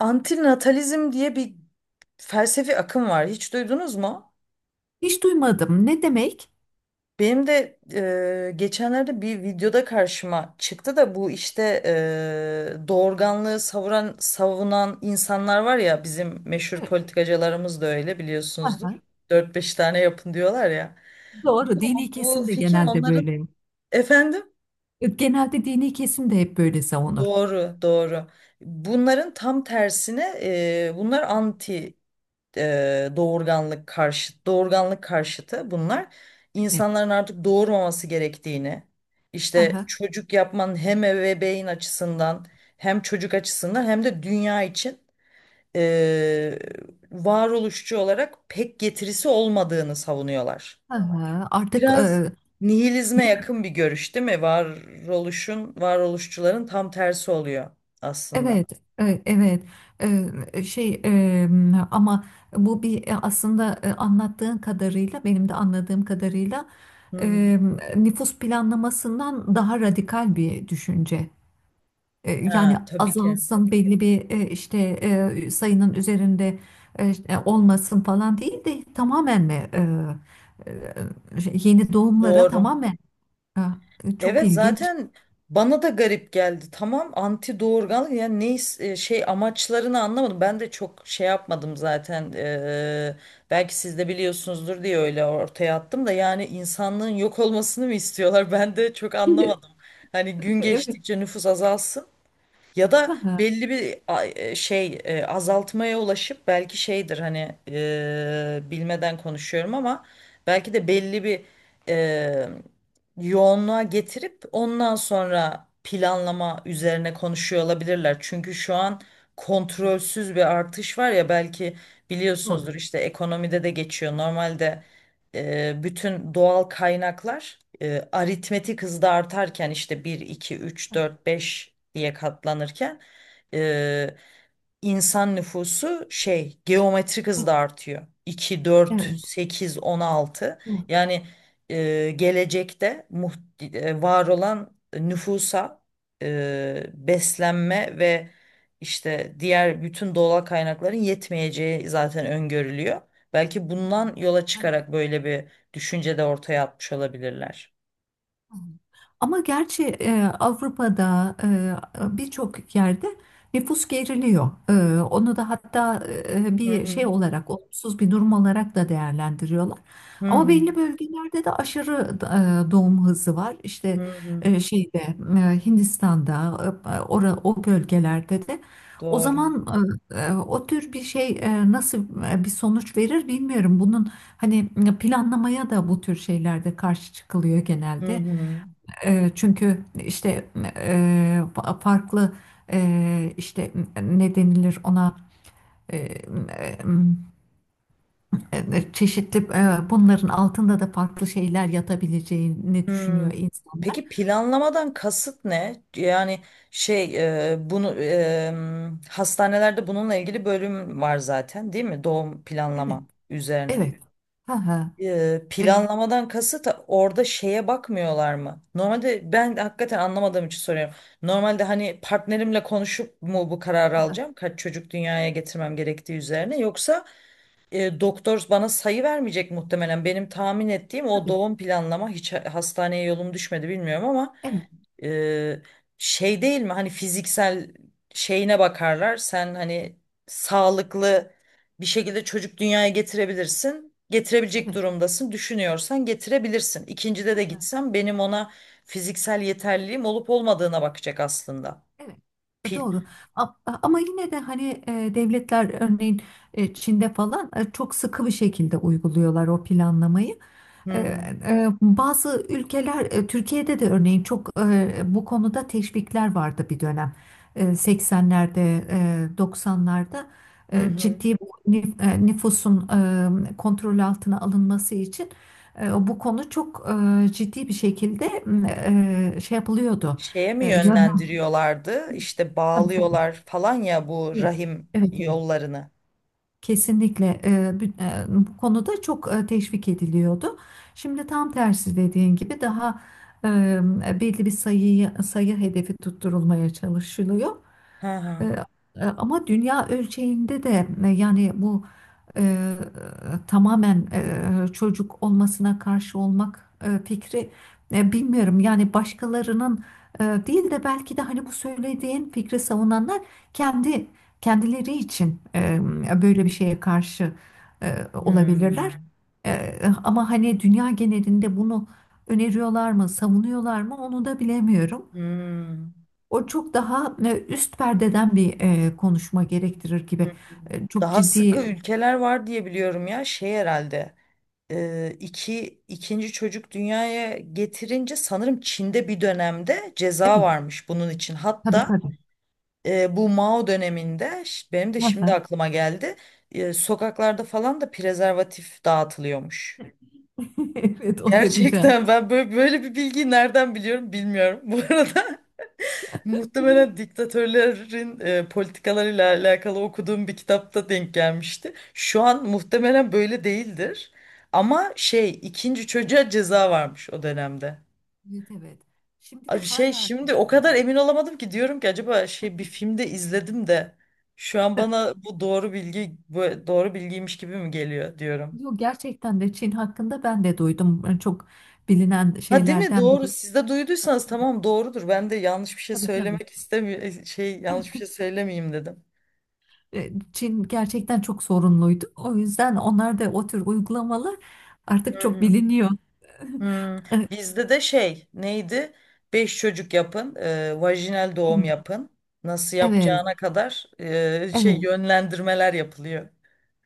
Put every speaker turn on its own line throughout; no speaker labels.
Antinatalizm diye bir felsefi akım var. Hiç duydunuz mu?
Hiç duymadım. Ne demek?
Benim de geçenlerde bir videoda karşıma çıktı da bu işte doğurganlığı savunan insanlar var ya, bizim meşhur
Evet.
politikacılarımız da öyle biliyorsunuzdur.
Aha,
Dört beş tane yapın diyorlar ya.
doğru.
Bu,
Dini
bu
kesim de
fikir
genelde
onların,
böyle.
efendim,
Genelde dini kesim de hep böyle savunur.
doğru doğru. Bunların tam tersine bunlar anti doğurganlık karşıtı. Bunlar
Evet.
insanların artık doğurmaması gerektiğini, işte
Aha,
çocuk yapmanın hem ebeveyn açısından hem çocuk açısından hem de dünya için e, varoluşçu olarak pek getirisi olmadığını savunuyorlar.
aha. Artık
Biraz nihilizme
yük,
yakın bir görüş değil mi? Varoluşçuların tam tersi oluyor aslında.
evet, evet. E, e, şey e, ama bu bir aslında anlattığın kadarıyla, benim de anladığım kadarıyla
Hı.
e, nüfus planlamasından daha radikal bir düşünce. E,
Ha,
Yani
tabii ki.
azalsın belli bir işte sayının üzerinde işte, olmasın falan değil de tamamen mi yeni doğumlara
Doğru.
tamamen. Ha, çok
Evet,
ilginç.
zaten bana da garip geldi. Tamam, anti doğurgan, yani şey, amaçlarını anlamadım. Ben de çok şey yapmadım zaten. Belki siz de biliyorsunuzdur diye öyle ortaya attım da, yani insanlığın yok olmasını mı istiyorlar? Ben de çok
Evet.
anlamadım. Hani gün geçtikçe nüfus azalsın. Ya da belli bir şey, azaltmaya ulaşıp belki şeydir, hani, bilmeden konuşuyorum ama belki de belli bir e, yoğunluğa getirip ondan sonra planlama üzerine konuşuyor olabilirler. Çünkü şu an kontrolsüz bir artış var ya, belki
Doğru.
biliyorsunuzdur, işte ekonomide de geçiyor. Normalde bütün doğal kaynaklar aritmetik hızda artarken, işte bir 2 3 4 5 diye katlanırken, e, insan nüfusu şey geometrik hızda artıyor. İki dört
Evet.
sekiz 16, yani gelecekte var olan nüfusa beslenme ve işte diğer bütün doğal kaynakların yetmeyeceği zaten öngörülüyor. Belki bundan yola
Evet.
çıkarak böyle bir düşünce de ortaya atmış olabilirler.
Ama gerçi Avrupa'da birçok yerde nüfus geriliyor. Onu da hatta
Hı
bir
hı.
şey olarak, olumsuz bir durum olarak da değerlendiriyorlar.
Hı
Ama
hı.
belli bölgelerde de aşırı doğum hızı var. İşte
Hı hı.
şeyde Hindistan'da, o bölgelerde de. O
Doğru.
zaman o tür bir şey nasıl bir sonuç verir bilmiyorum. Bunun hani planlamaya da bu tür şeylerde karşı çıkılıyor
Hı
genelde.
hı.
Çünkü işte farklı işte ne denilir ona e, çeşitli bunların altında da farklı şeyler yatabileceğini düşünüyor
Hı.
insanlar.
Peki, planlamadan kasıt ne? Yani şey, bunu hastanelerde bununla ilgili bölüm var zaten değil mi? Doğum
Evet,
planlama üzerine.
evet. Ha ha.
E,
E,
planlamadan kasıt orada şeye bakmıyorlar mı? Normalde ben hakikaten anlamadığım için soruyorum. Normalde hani partnerimle konuşup mu bu kararı alacağım? Kaç çocuk dünyaya getirmem gerektiği üzerine, yoksa doktor bana sayı vermeyecek muhtemelen. Benim tahmin ettiğim, o
tabii.
doğum planlama, hiç hastaneye yolum düşmedi, bilmiyorum, ama
Evet,
e, şey değil mi? Hani fiziksel şeyine bakarlar. Sen hani sağlıklı bir şekilde çocuk dünyaya getirebilirsin. Getirebilecek
evet.
durumdasın. Düşünüyorsan getirebilirsin. İkincide de gitsem benim ona fiziksel yeterliliğim olup olmadığına bakacak aslında.
Evet,
Pil.
doğru. A- Ama yine de hani devletler örneğin Çin'de falan çok sıkı bir şekilde uyguluyorlar o planlamayı.
Hı
E,
hı.
e, Bazı ülkeler Türkiye'de de örneğin çok bu konuda teşvikler vardı bir dönem. 80'lerde, 90'larda
Hı hı.
ciddi bir nüfusun kontrol altına alınması için bu konu çok ciddi bir şekilde şey yapılıyordu.
Şeye mi
E, yön-
yönlendiriyorlardı? İşte
Tabii tabii.
bağlıyorlar falan ya bu
Evet,
rahim
evet, evet.
yollarını.
Kesinlikle bu konuda çok teşvik ediliyordu. Şimdi tam tersi dediğin gibi daha belli bir sayıyı sayı hedefi tutturulmaya çalışılıyor.
Hı
E,
hı.
Ama dünya ölçeğinde de yani bu e, tamamen çocuk olmasına karşı olmak fikri bilmiyorum. Yani başkalarının değil de belki de hani bu söylediğin fikri savunanlar kendi kendileri için böyle bir şeye karşı e, olabilirler.
Hmm.
E, ama hani dünya genelinde bunu öneriyorlar mı, savunuyorlar mı onu da bilemiyorum.
Hmm.
O çok daha üst perdeden bir konuşma gerektirir
Hmm.
gibi. Çok
Daha sıkı
ciddi.
ülkeler var diye biliyorum ya, şey herhalde. E, iki, ikinci çocuk dünyaya getirince sanırım Çin'de bir dönemde ceza
Evet,
varmış bunun için.
tabii
Hatta
tabii.
bu Mao döneminde benim de
Hı
şimdi
hı.
aklıma geldi. Sokaklarda falan da prezervatif dağıtılıyormuş.
Evet, o derece.
Gerçekten ben böyle bir bilgiyi nereden biliyorum, bilmiyorum. Bu arada muhtemelen diktatörlerin politikalarıyla alakalı okuduğum bir kitapta denk gelmişti. Şu an muhtemelen böyle değildir. Ama şey, ikinci çocuğa ceza varmış o dönemde.
Evet, evet. Şimdi de
Abi şey,
hala.
şimdi o kadar emin olamadım ki, diyorum ki acaba şey, bir filmde izledim de, şu an bana bu doğru bilgiymiş gibi mi geliyor diyorum.
Yok, gerçekten de Çin hakkında ben de duydum. Çok bilinen
Ha, değil mi?
şeylerden
Doğru.
biri.
Siz de duyduysanız, tamam, doğrudur. Ben de yanlış bir şey
Tabii tabii.
söylemek istemiyorum. Şey, yanlış bir şey söylemeyeyim dedim.
Çin gerçekten çok sorunluydu. O yüzden onlar da o tür uygulamalar artık
Hı
çok
hı.
biliniyor.
Hmm.
E,
Bizde de şey neydi? Beş çocuk yapın. Vajinal doğum yapın. Nasıl
Evet,
yapacağına kadar şey
evet.
yönlendirmeler yapılıyor.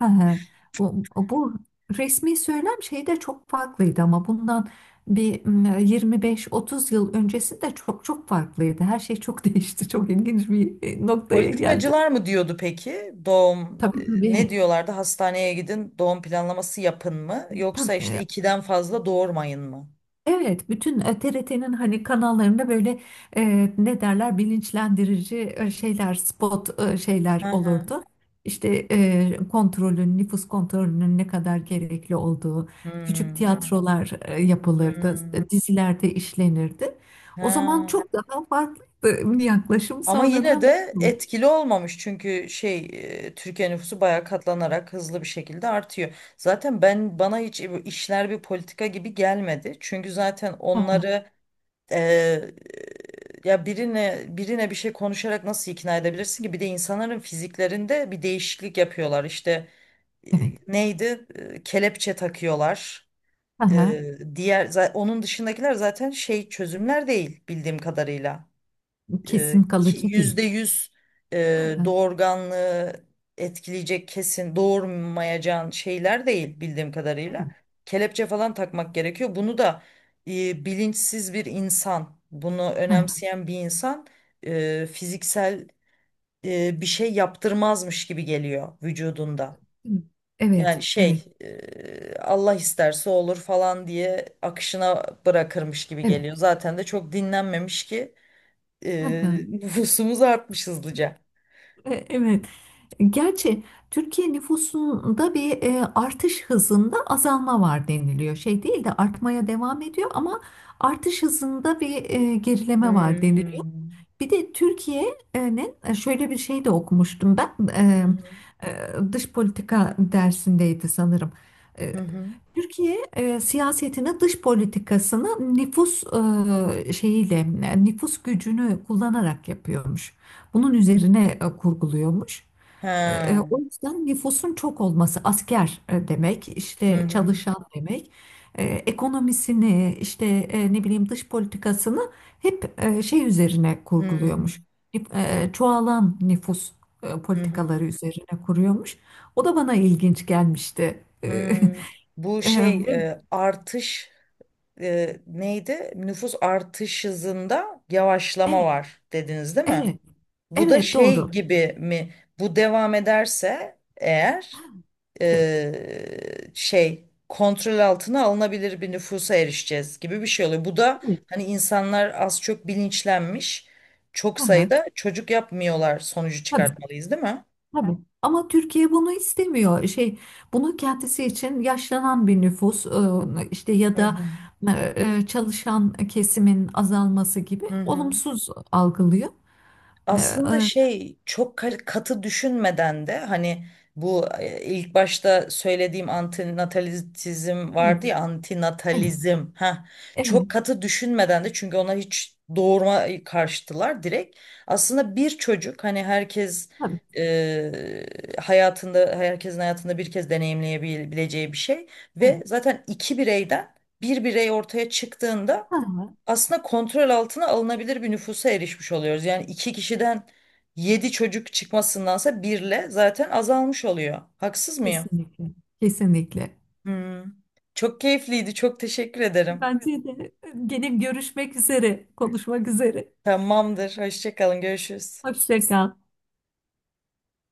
Hı hı. O, bu resmi söylem şeyi de çok farklıydı ama bundan bir 25-30 yıl öncesi de çok çok farklıydı. Her şey çok değişti. Çok ilginç bir noktaya geldim.
Politikacılar mı diyordu peki? Doğum,
Tabii
ne
tabii.
diyorlardı? Hastaneye gidin, doğum planlaması yapın mı?
Tam,
Yoksa işte
e,
ikiden fazla doğurmayın mı?
Evet, bütün T. R. T.'nin hani kanallarında böyle ne derler bilinçlendirici şeyler, spot şeyler
Hı hı.
olurdu. İşte nüfus kontrolünün ne kadar gerekli olduğu, küçük
Hmm.
tiyatrolar yapılırdı,
Hmm.
dizilerde işlenirdi. O zaman
Ha.
çok daha farklı bir yaklaşım
Ama yine
sonradan.
de etkili olmamış, çünkü şey, Türkiye nüfusu bayağı katlanarak hızlı bir şekilde artıyor. Zaten bana hiç bu işler bir politika gibi gelmedi. Çünkü zaten onları
Evet.
e, ya birine bir şey konuşarak nasıl ikna edebilirsin ki? Bir de insanların fiziklerinde bir değişiklik yapıyorlar. İşte neydi? E, kelepçe takıyorlar.
Hı hı, evet. Aha,
Diğer onun dışındakiler zaten şey çözümler değil bildiğim kadarıyla,
kesin kalıcı değil.
%100
Aha,
doğurganlığı etkileyecek, kesin doğurmayacağın şeyler değil bildiğim kadarıyla.
evet.
Kelepçe falan takmak gerekiyor. Bunu da bilinçsiz bir insan, bunu
Aha,
önemseyen bir insan fiziksel bir şey yaptırmazmış gibi geliyor vücudunda.
evet. Evet.
Yani şey,
Evet.
Allah isterse olur falan diye akışına bırakırmış gibi
Evet.
geliyor. Zaten de çok dinlenmemiş ki
Aha,
nüfusumuz artmış hızlıca.
evet. Gerçi Türkiye nüfusunda bir artış hızında azalma var deniliyor. Şey değil de artmaya devam ediyor ama artış hızında bir gerileme var deniliyor.
Hmm.
Bir de Türkiye'nin şöyle bir şey de okumuştum ben,
Hı hı.
dış politika dersindeydi sanırım. E,
Hı hı.
Türkiye siyasetini, dış politikasını nüfus şeyiyle, nüfus gücünü kullanarak yapıyormuş. Bunun üzerine kurguluyormuş. E,
Ha.
O yüzden nüfusun çok olması asker demek,
Hı
işte
hı.
çalışan demek, ekonomisini, işte ne bileyim dış politikasını hep şey üzerine
Hı hı.
kurguluyormuş. Hep, çoğalan nüfus
Hı.
politikaları üzerine kuruyormuş. O da bana ilginç gelmişti.
Hı. Bu
E, e,
şey,
ve-
artış, neydi? Nüfus artış hızında yavaşlama
evet,
var dediniz değil mi?
evet,
Bu da
evet
şey
doğru.
gibi mi? Bu devam ederse eğer
Evet,
şey, kontrol altına alınabilir bir nüfusa erişeceğiz gibi bir şey oluyor. Bu da
evet.
hani insanlar az çok bilinçlenmiş. Çok
Hı hı,
sayıda çocuk yapmıyorlar sonucu
tabii.
çıkartmalıyız değil mi?
Tabii. Ama Türkiye bunu istemiyor. Şey, bunu kendisi için yaşlanan bir nüfus işte ya
Hı
da
hı.
çalışan kesimin azalması gibi
Hı hı.
olumsuz algılıyor. E,
Aslında
e,
şey, çok katı düşünmeden de, hani bu ilk başta söylediğim antinatalizm
Evet,
vardı ya,
evet,
antinatalizm, ha,
evet.
çok katı düşünmeden de, çünkü ona hiç doğurma karşıtılar direkt. Aslında bir çocuk, hani
Tabii.
e, herkesin hayatında bir kez deneyimleyebileceği bir şey
Evet.
ve zaten iki bireyden bir birey ortaya çıktığında
Ha,
aslında kontrol altına alınabilir bir nüfusa erişmiş oluyoruz. Yani iki kişiden yedi çocuk çıkmasındansa birle zaten azalmış oluyor. Haksız mıyım?
kesinlikle. Kesinlikle.
Hmm. Çok keyifliydi. Çok teşekkür ederim.
Bence de gene görüşmek üzere, konuşmak üzere.
Tamamdır. Hoşça kalın. Görüşürüz.
Hoşça kal.